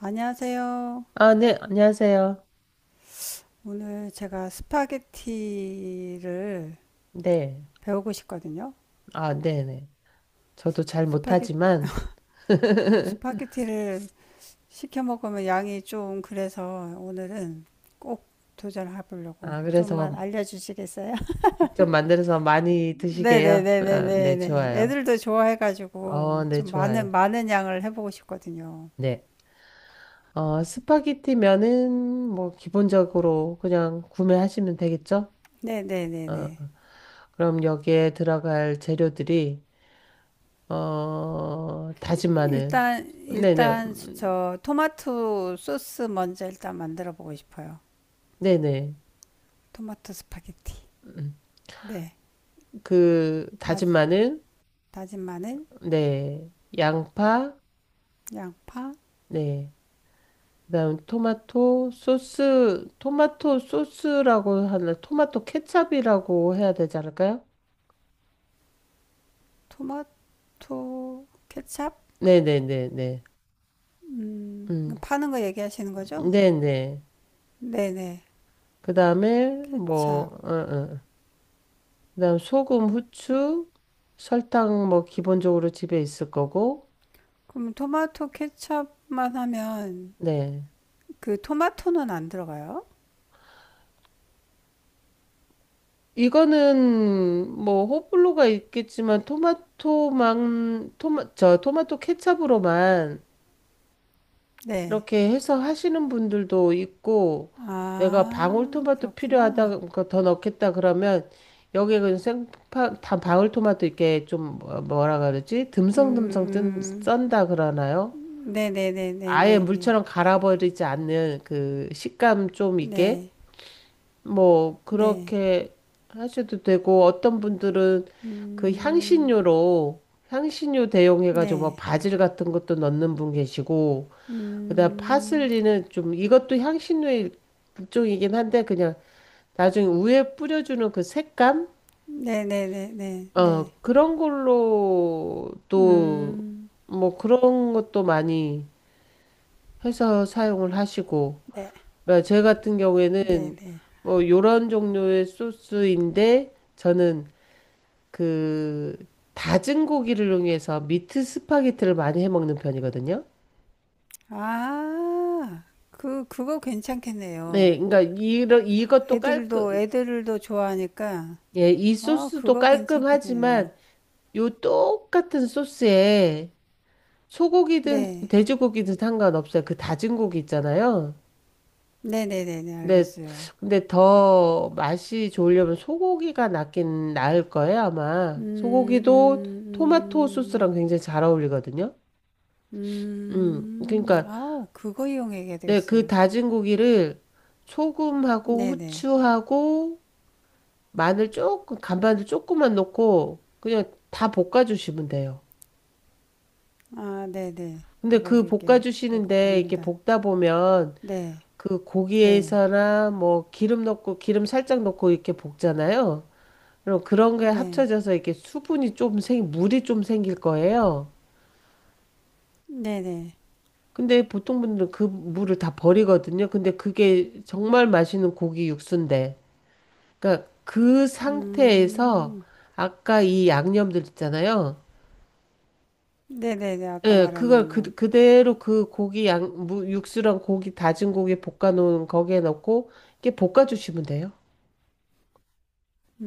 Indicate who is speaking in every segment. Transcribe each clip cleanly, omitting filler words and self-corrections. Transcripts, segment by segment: Speaker 1: 안녕하세요.
Speaker 2: 아, 네, 안녕하세요.
Speaker 1: 오늘 제가 스파게티를
Speaker 2: 네.
Speaker 1: 배우고 싶거든요.
Speaker 2: 아, 네네. 저도 잘
Speaker 1: 스파게,
Speaker 2: 못하지만,
Speaker 1: 저 스파게티를 시켜 먹으면 양이 좀 그래서 오늘은 꼭 도전해 보려고
Speaker 2: 아, 그래서
Speaker 1: 좀만 알려주시겠어요?
Speaker 2: 직접 만들어서 많이 드시게요. 아, 네,
Speaker 1: 네네네네네네.
Speaker 2: 좋아요.
Speaker 1: 애들도 좋아해가지고
Speaker 2: 네,
Speaker 1: 좀 많은,
Speaker 2: 좋아요.
Speaker 1: 많은 양을 해보고 싶거든요.
Speaker 2: 네. 스파게티 면은 뭐 기본적으로 그냥 구매하시면 되겠죠? 어,
Speaker 1: 네네네네.
Speaker 2: 어. 그럼 여기에 들어갈 재료들이, 다진 마늘.
Speaker 1: 일단,
Speaker 2: 네네.
Speaker 1: 일단 저 토마토 소스 먼저 일단 만들어 보고 싶어요.
Speaker 2: 네네.
Speaker 1: 토마토 스파게티.
Speaker 2: 음,
Speaker 1: 네.
Speaker 2: 그
Speaker 1: 다,
Speaker 2: 다진 마늘,
Speaker 1: 다진 마늘,
Speaker 2: 네. 양파,
Speaker 1: 양파,
Speaker 2: 네. 그다음 토마토 소스, 토마토 소스라고 하나, 토마토 케첩이라고 해야 되지 않을까요?
Speaker 1: 토마토, 케찹.
Speaker 2: 네네네네. 음,
Speaker 1: 파는 거 얘기하시는 거죠?
Speaker 2: 네네.
Speaker 1: 네네.
Speaker 2: 그 다음에,
Speaker 1: 케찹.
Speaker 2: 그 다음 소금, 후추, 설탕, 뭐, 기본적으로 집에 있을 거고,
Speaker 1: 그럼 토마토 케찹만 하면
Speaker 2: 네.
Speaker 1: 그 토마토는 안 들어가요?
Speaker 2: 이거는, 뭐, 호불호가 있겠지만, 토마토 케첩으로만
Speaker 1: 네.
Speaker 2: 이렇게 해서 하시는 분들도 있고, 내가
Speaker 1: 아,
Speaker 2: 방울토마토 필요하다
Speaker 1: 그렇구나.
Speaker 2: 그러니까 더 넣겠다 그러면 여기에 그 생파 다 방울토마토 이렇게 좀 뭐라 그러지, 듬성듬성
Speaker 1: 음,
Speaker 2: 뜬,
Speaker 1: 음.
Speaker 2: 썬다 그러나요? 아예
Speaker 1: 네네네네네네.
Speaker 2: 물처럼 갈아버리지 않는 그 식감 좀 있게
Speaker 1: 네.
Speaker 2: 뭐
Speaker 1: 네.
Speaker 2: 그렇게 하셔도 되고, 어떤
Speaker 1: 네, 네, 네. 네, 네.
Speaker 2: 분들은 그 향신료로 향신료 대용해가지고 뭐
Speaker 1: 네.
Speaker 2: 바질 같은 것도 넣는 분 계시고, 그다음
Speaker 1: 음,
Speaker 2: 파슬리는 좀, 이것도 향신료의 일종이긴 한데 그냥 나중에 우에 뿌려주는 그 색감?
Speaker 1: 네네네네네.
Speaker 2: 그런 걸로 또
Speaker 1: 음,
Speaker 2: 뭐 그런 것도 많이 해서 사용을 하시고.
Speaker 1: 네.
Speaker 2: 그러니까 제 같은 경우에는
Speaker 1: 네네.
Speaker 2: 뭐 요런 종류의 소스인데, 저는 그 다진 고기를 이용해서 미트 스파게티를 많이 해 먹는 편이거든요.
Speaker 1: 아, 그거
Speaker 2: 네,
Speaker 1: 괜찮겠네요.
Speaker 2: 그러니까 이런 이것도 깔끔,
Speaker 1: 애들도 좋아하니까,
Speaker 2: 예, 이
Speaker 1: 어,
Speaker 2: 소스도
Speaker 1: 그거 괜찮겠네요.
Speaker 2: 깔끔하지만 요 똑같은 소스에 소고기든
Speaker 1: 네.
Speaker 2: 돼지고기든 상관없어요. 그 다진 고기 있잖아요.
Speaker 1: 네네네네,
Speaker 2: 근데
Speaker 1: 알겠어요.
Speaker 2: 근데 더 맛이 좋으려면 소고기가 낫긴 나을 거예요, 아마.
Speaker 1: 음,
Speaker 2: 소고기도 토마토 소스랑
Speaker 1: 음,
Speaker 2: 굉장히 잘 어울리거든요. 음. 그러니까
Speaker 1: 아우, 그거 이용해야
Speaker 2: 네, 그
Speaker 1: 되겠어요.
Speaker 2: 다진 고기를 소금하고
Speaker 1: 네네.
Speaker 2: 후추하고 마늘 조금, 간마늘 조금만 넣고 그냥 다 볶아 주시면 돼요.
Speaker 1: 아, 네네.
Speaker 2: 근데
Speaker 1: 그걸
Speaker 2: 그
Speaker 1: 이렇게 놓고
Speaker 2: 볶아주시는데, 이렇게
Speaker 1: 볶는다.
Speaker 2: 볶다 보면
Speaker 1: 네,
Speaker 2: 그
Speaker 1: 네,
Speaker 2: 고기에서나 뭐 기름 넣고, 기름 살짝 넣고 이렇게 볶잖아요. 그럼 그런 게
Speaker 1: 네,
Speaker 2: 합쳐져서 이렇게 수분이 좀 물이 좀 생길 거예요.
Speaker 1: 네네.
Speaker 2: 근데 보통 분들은 그 물을 다 버리거든요. 근데 그게 정말 맛있는 고기 육수인데. 그러니까 그 상태에서
Speaker 1: 음,
Speaker 2: 아까 이 양념들 있잖아요.
Speaker 1: 네네네, 아까
Speaker 2: 예,
Speaker 1: 말한
Speaker 2: 그걸
Speaker 1: 양념.
Speaker 2: 그대로 그 고기 육수랑 고기, 다진 고기 볶아놓은 거기에 넣고, 이렇게 볶아주시면 돼요.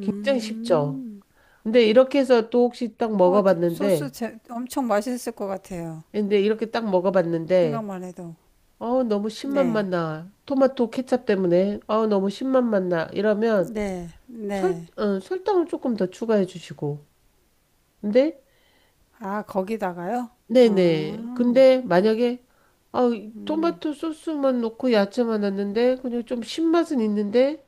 Speaker 2: 굉장히 쉽죠? 근데 이렇게 해서 또 혹시 딱
Speaker 1: 어, 소스
Speaker 2: 먹어봤는데,
Speaker 1: 엄청 맛있을 것 같아요.
Speaker 2: 근데 이렇게 딱 먹어봤는데,
Speaker 1: 생각만 해도.
Speaker 2: 어우, 너무
Speaker 1: 네.
Speaker 2: 신맛만 나. 토마토 케첩 때문에, 어우, 너무 신맛만 나. 이러면
Speaker 1: 네. 네.
Speaker 2: 설탕을 조금 더 추가해 주시고. 근데,
Speaker 1: 아, 거기다가요?
Speaker 2: 네네.
Speaker 1: 아,
Speaker 2: 근데 만약에, 아,
Speaker 1: 음.
Speaker 2: 토마토 소스만 넣고 야채만 넣었는데, 그냥 좀 신맛은 있는데,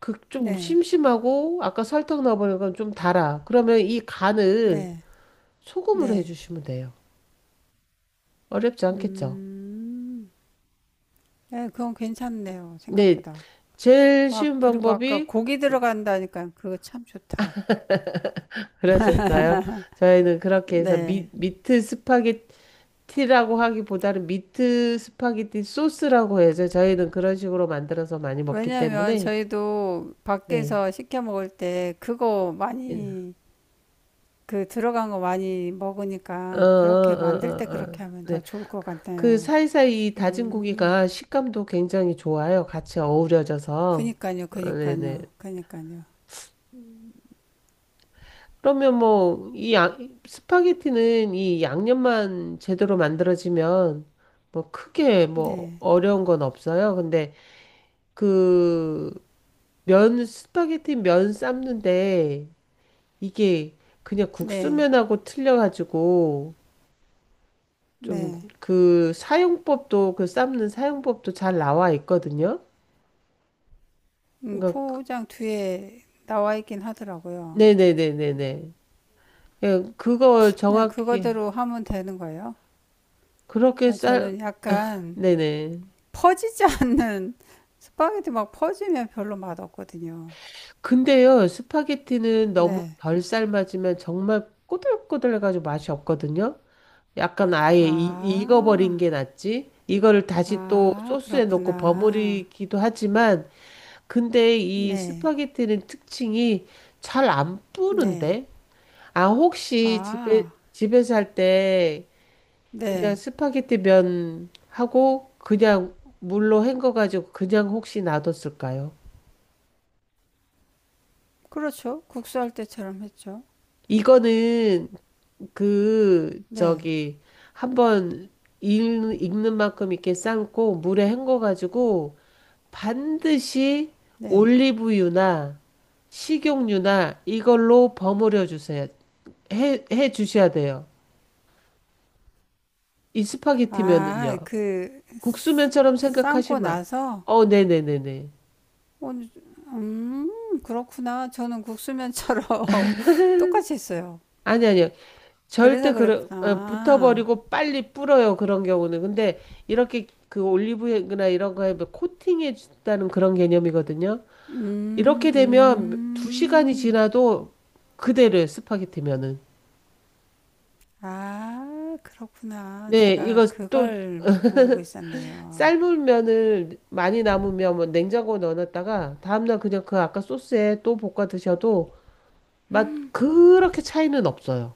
Speaker 2: 그 좀
Speaker 1: 네.
Speaker 2: 심심하고 아까 설탕 넣어보는 건 좀 달아. 그러면 이 간을
Speaker 1: 네.
Speaker 2: 소금으로
Speaker 1: 네.
Speaker 2: 해주시면 돼요. 어렵지 않겠죠?
Speaker 1: 음. 네, 그건 괜찮네요.
Speaker 2: 네,
Speaker 1: 생각보다.
Speaker 2: 제일
Speaker 1: 아,
Speaker 2: 쉬운
Speaker 1: 그리고 아까
Speaker 2: 방법이
Speaker 1: 고기 들어간다니까 그거 참 좋다.
Speaker 2: 그러셨어요. 저희는 그렇게 해서
Speaker 1: 네.
Speaker 2: 미트 스파게티라고 하기보다는 미트 스파게티 소스라고 해서 저희는 그런 식으로 만들어서 많이 먹기
Speaker 1: 왜냐면
Speaker 2: 때문에.
Speaker 1: 저희도
Speaker 2: 네.
Speaker 1: 밖에서 시켜 먹을 때 그거 많이 그 들어간 거 많이
Speaker 2: 어, 어,
Speaker 1: 먹으니까 그렇게 만들
Speaker 2: 어,
Speaker 1: 때
Speaker 2: 어, 어.
Speaker 1: 그렇게 하면
Speaker 2: 네.
Speaker 1: 더 좋을 것
Speaker 2: 그
Speaker 1: 같아요.
Speaker 2: 사이사이 다진
Speaker 1: 음,
Speaker 2: 고기가 식감도 굉장히 좋아요. 같이 어우러져서.
Speaker 1: 그니까요,
Speaker 2: 아, 네네.
Speaker 1: 그니까요, 그니까요.
Speaker 2: 그러면 뭐, 이 스파게티는 이 양념만 제대로 만들어지면 뭐 크게 뭐
Speaker 1: 네,
Speaker 2: 어려운 건 없어요. 근데 그 면, 스파게티 면 삶는데 이게 그냥
Speaker 1: 네,
Speaker 2: 국수면하고 틀려가지고 좀
Speaker 1: 네.
Speaker 2: 그 사용법도, 그 삶는 사용법도 잘 나와 있거든요. 그러니까
Speaker 1: 포장 뒤에 나와 있긴 하더라고요.
Speaker 2: 네네네네네. 예, 그거
Speaker 1: 그냥
Speaker 2: 정확히,
Speaker 1: 그거대로 하면 되는 거예요.
Speaker 2: 그렇게
Speaker 1: 아,
Speaker 2: 쌀,
Speaker 1: 저는 약간
Speaker 2: 네네.
Speaker 1: 퍼지지 않는 스파게티 막 퍼지면 별로 맛없거든요.
Speaker 2: 근데요, 스파게티는 너무
Speaker 1: 네.
Speaker 2: 덜 삶아지면 정말 꼬들꼬들해가지고 맛이 없거든요. 약간 아예 익어버린
Speaker 1: 아,
Speaker 2: 게 낫지. 이거를 다시 또
Speaker 1: 아,
Speaker 2: 소스에 넣고
Speaker 1: 그렇구나.
Speaker 2: 버무리기도 하지만, 근데 이
Speaker 1: 네,
Speaker 2: 스파게티는 특징이 잘 안
Speaker 1: 네.
Speaker 2: 뿌는데? 아, 혹시 집에,
Speaker 1: 아.
Speaker 2: 집에서 할때 그냥
Speaker 1: 네.
Speaker 2: 스파게티 면 하고 그냥 물로 헹궈가지고 그냥 혹시 놔뒀을까요?
Speaker 1: 그렇죠. 국수할 때처럼 했죠.
Speaker 2: 이거는 그
Speaker 1: 네.
Speaker 2: 저기 한번 익는 만큼 이렇게 삶고 물에 헹궈가지고 반드시
Speaker 1: 네.
Speaker 2: 올리브유나 식용유나 이걸로 버무려 주세요. 해 주셔야 돼요. 이
Speaker 1: 아,
Speaker 2: 스파게티면은요.
Speaker 1: 그
Speaker 2: 국수면처럼
Speaker 1: 삶고
Speaker 2: 생각하시면
Speaker 1: 나서
Speaker 2: 네네네네.
Speaker 1: 그렇구나. 저는 국수면처럼 똑같이 했어요.
Speaker 2: 아니. 절대
Speaker 1: 그래서
Speaker 2: 그래
Speaker 1: 그랬구나.
Speaker 2: 붙어버리고 빨리 불어요. 그런 경우는, 근데 이렇게 그 올리브유나 이런 거에 뭐 코팅해 준다는 그런 개념이거든요.
Speaker 1: 음,
Speaker 2: 이렇게 되면 두 시간이
Speaker 1: 음.
Speaker 2: 지나도 그대로예요. 스파게티면은
Speaker 1: 아, 그렇구나.
Speaker 2: 네.
Speaker 1: 제가
Speaker 2: 이거 또
Speaker 1: 그걸 모르고 있었네요.
Speaker 2: 삶은 면을 많이 남으면 뭐 냉장고에 넣어놨다가 다음날 그냥 그 아까 소스에 또 볶아 드셔도 맛 그렇게 차이는 없어요.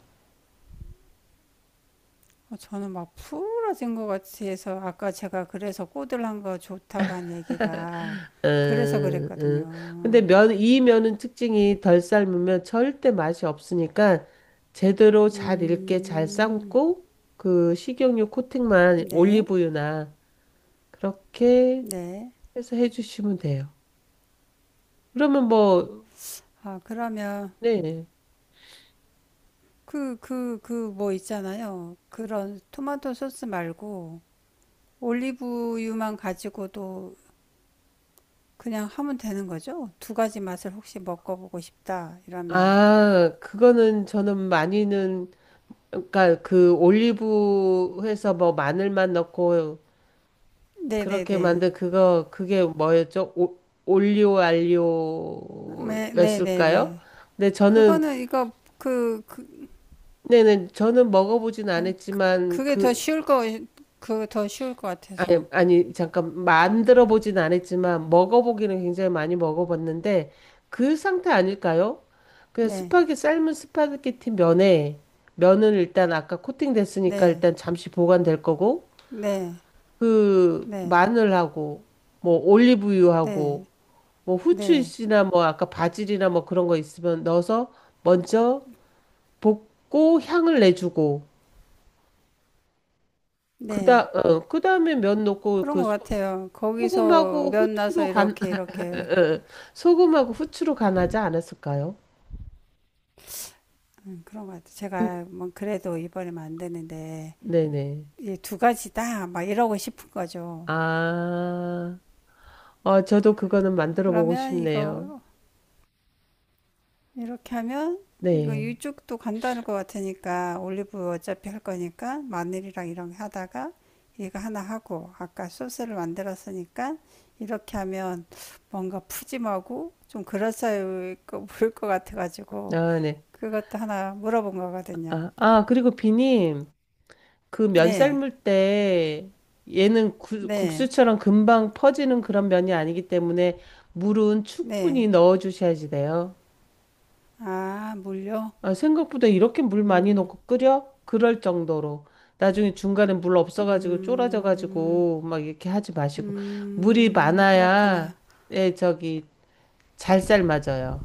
Speaker 1: 어, 저는 막 풀어진 것 같이 해서 아까 제가 그래서 꼬들한 거 좋다고 한 얘기가 그래서
Speaker 2: 음, 음. 근데
Speaker 1: 그랬거든요.
Speaker 2: 면, 이 면은 특징이 덜 삶으면 절대 맛이 없으니까 제대로 잘 익게 잘
Speaker 1: 음,
Speaker 2: 삶고 그 식용유 코팅만
Speaker 1: 네,
Speaker 2: 올리브유나 그렇게
Speaker 1: 네.
Speaker 2: 해서 해주시면 돼요. 그러면 뭐,
Speaker 1: 아, 그러면
Speaker 2: 네.
Speaker 1: 그 뭐 있잖아요. 그런 토마토 소스 말고 올리브유만 가지고도 그냥 하면 되는 거죠? 두 가지 맛을 혹시 먹어보고 싶다 이러면.
Speaker 2: 아, 그거는 저는 많이는, 그러니까 그 올리브 해서 뭐 마늘만 넣고 그렇게
Speaker 1: 네네네.
Speaker 2: 만든 그거, 그게 뭐였죠? 오, 올리오
Speaker 1: 네,
Speaker 2: 알리오였을까요?
Speaker 1: 네네네.
Speaker 2: 근데 저는
Speaker 1: 그거는 이거 그, 그,
Speaker 2: 네네 저는 먹어보진
Speaker 1: 아니,
Speaker 2: 않았지만
Speaker 1: 그게 더
Speaker 2: 그,
Speaker 1: 쉬울 거, 더 쉬울 것
Speaker 2: 아니
Speaker 1: 같아서.
Speaker 2: 아니 잠깐 만들어 보진 않았지만 먹어보기는 굉장히 많이 먹어봤는데 그 상태 아닐까요? 그냥
Speaker 1: 네,
Speaker 2: 스파게 삶은 스파게티 면에, 면은 일단 아까 코팅됐으니까
Speaker 1: 네,
Speaker 2: 일단 잠시 보관될 거고,
Speaker 1: 네,
Speaker 2: 그
Speaker 1: 네,
Speaker 2: 마늘하고 뭐
Speaker 1: 네,
Speaker 2: 올리브유하고 뭐
Speaker 1: 네,
Speaker 2: 후추잎이나 뭐 아까 바질이나 뭐 그런 거 있으면 넣어서 먼저 볶고 향을 내주고,
Speaker 1: 네.
Speaker 2: 그다음에 면 넣고
Speaker 1: 그런
Speaker 2: 그
Speaker 1: 것 같아요. 거기서
Speaker 2: 소금하고
Speaker 1: 면 나서
Speaker 2: 후추로 간,
Speaker 1: 이렇게, 이렇게.
Speaker 2: 소금하고 후추로 간하지 않았을까요?
Speaker 1: 그런 것 같아요.
Speaker 2: 음,
Speaker 1: 제가 뭐 그래도 이번에만 안 되는데,
Speaker 2: 네네.
Speaker 1: 이 두 가지다. 막 이러고 싶은 거죠.
Speaker 2: 아, 저도 그거는 만들어 보고
Speaker 1: 그러면
Speaker 2: 싶네요.
Speaker 1: 이거 이렇게 하면 이거
Speaker 2: 네.
Speaker 1: 이쪽도 간단할 것 같으니까 올리브 어차피 할 거니까 마늘이랑 이런 거 하다가 이거 하나 하고 아까 소스를 만들었으니까 이렇게 하면 뭔가 푸짐하고 좀 그럴싸해 보일 것 같아가지고
Speaker 2: 아, 네.
Speaker 1: 그것도 하나 물어본 거거든요.
Speaker 2: 아, 아, 그리고 비님. 그 면
Speaker 1: 네,
Speaker 2: 삶을 때 얘는
Speaker 1: 네,
Speaker 2: 국수처럼 금방 퍼지는 그런 면이 아니기 때문에 물은 충분히
Speaker 1: 네.
Speaker 2: 넣어 주셔야지 돼요.
Speaker 1: 아, 물요?
Speaker 2: 아, 생각보다 이렇게 물 많이
Speaker 1: 음,
Speaker 2: 넣고 끓여? 그럴 정도로. 나중에 중간에 물 없어가지고
Speaker 1: 음,
Speaker 2: 쫄아져가지고 막 이렇게 하지 마시고. 물이 많아야,
Speaker 1: 그렇구나.
Speaker 2: 예, 저기, 잘 삶아져요.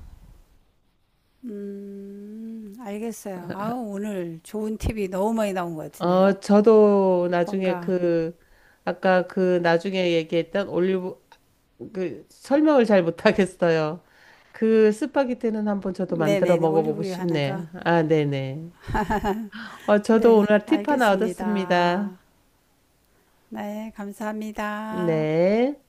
Speaker 1: 알겠어요. 아, 오늘 좋은 팁이 너무 많이 나온 것 같은데요.
Speaker 2: 저도 나중에
Speaker 1: 뭔가,
Speaker 2: 그, 아까 그 나중에 얘기했던 올리브, 그 설명을 잘 못하겠어요. 그 스파게티는 한번 저도 만들어
Speaker 1: 네네네,
Speaker 2: 먹어보고
Speaker 1: 올리브유 하나가.
Speaker 2: 싶네. 아, 네네. 저도
Speaker 1: 네,
Speaker 2: 오늘 팁 하나 얻었습니다.
Speaker 1: 알겠습니다. 네, 감사합니다.
Speaker 2: 네.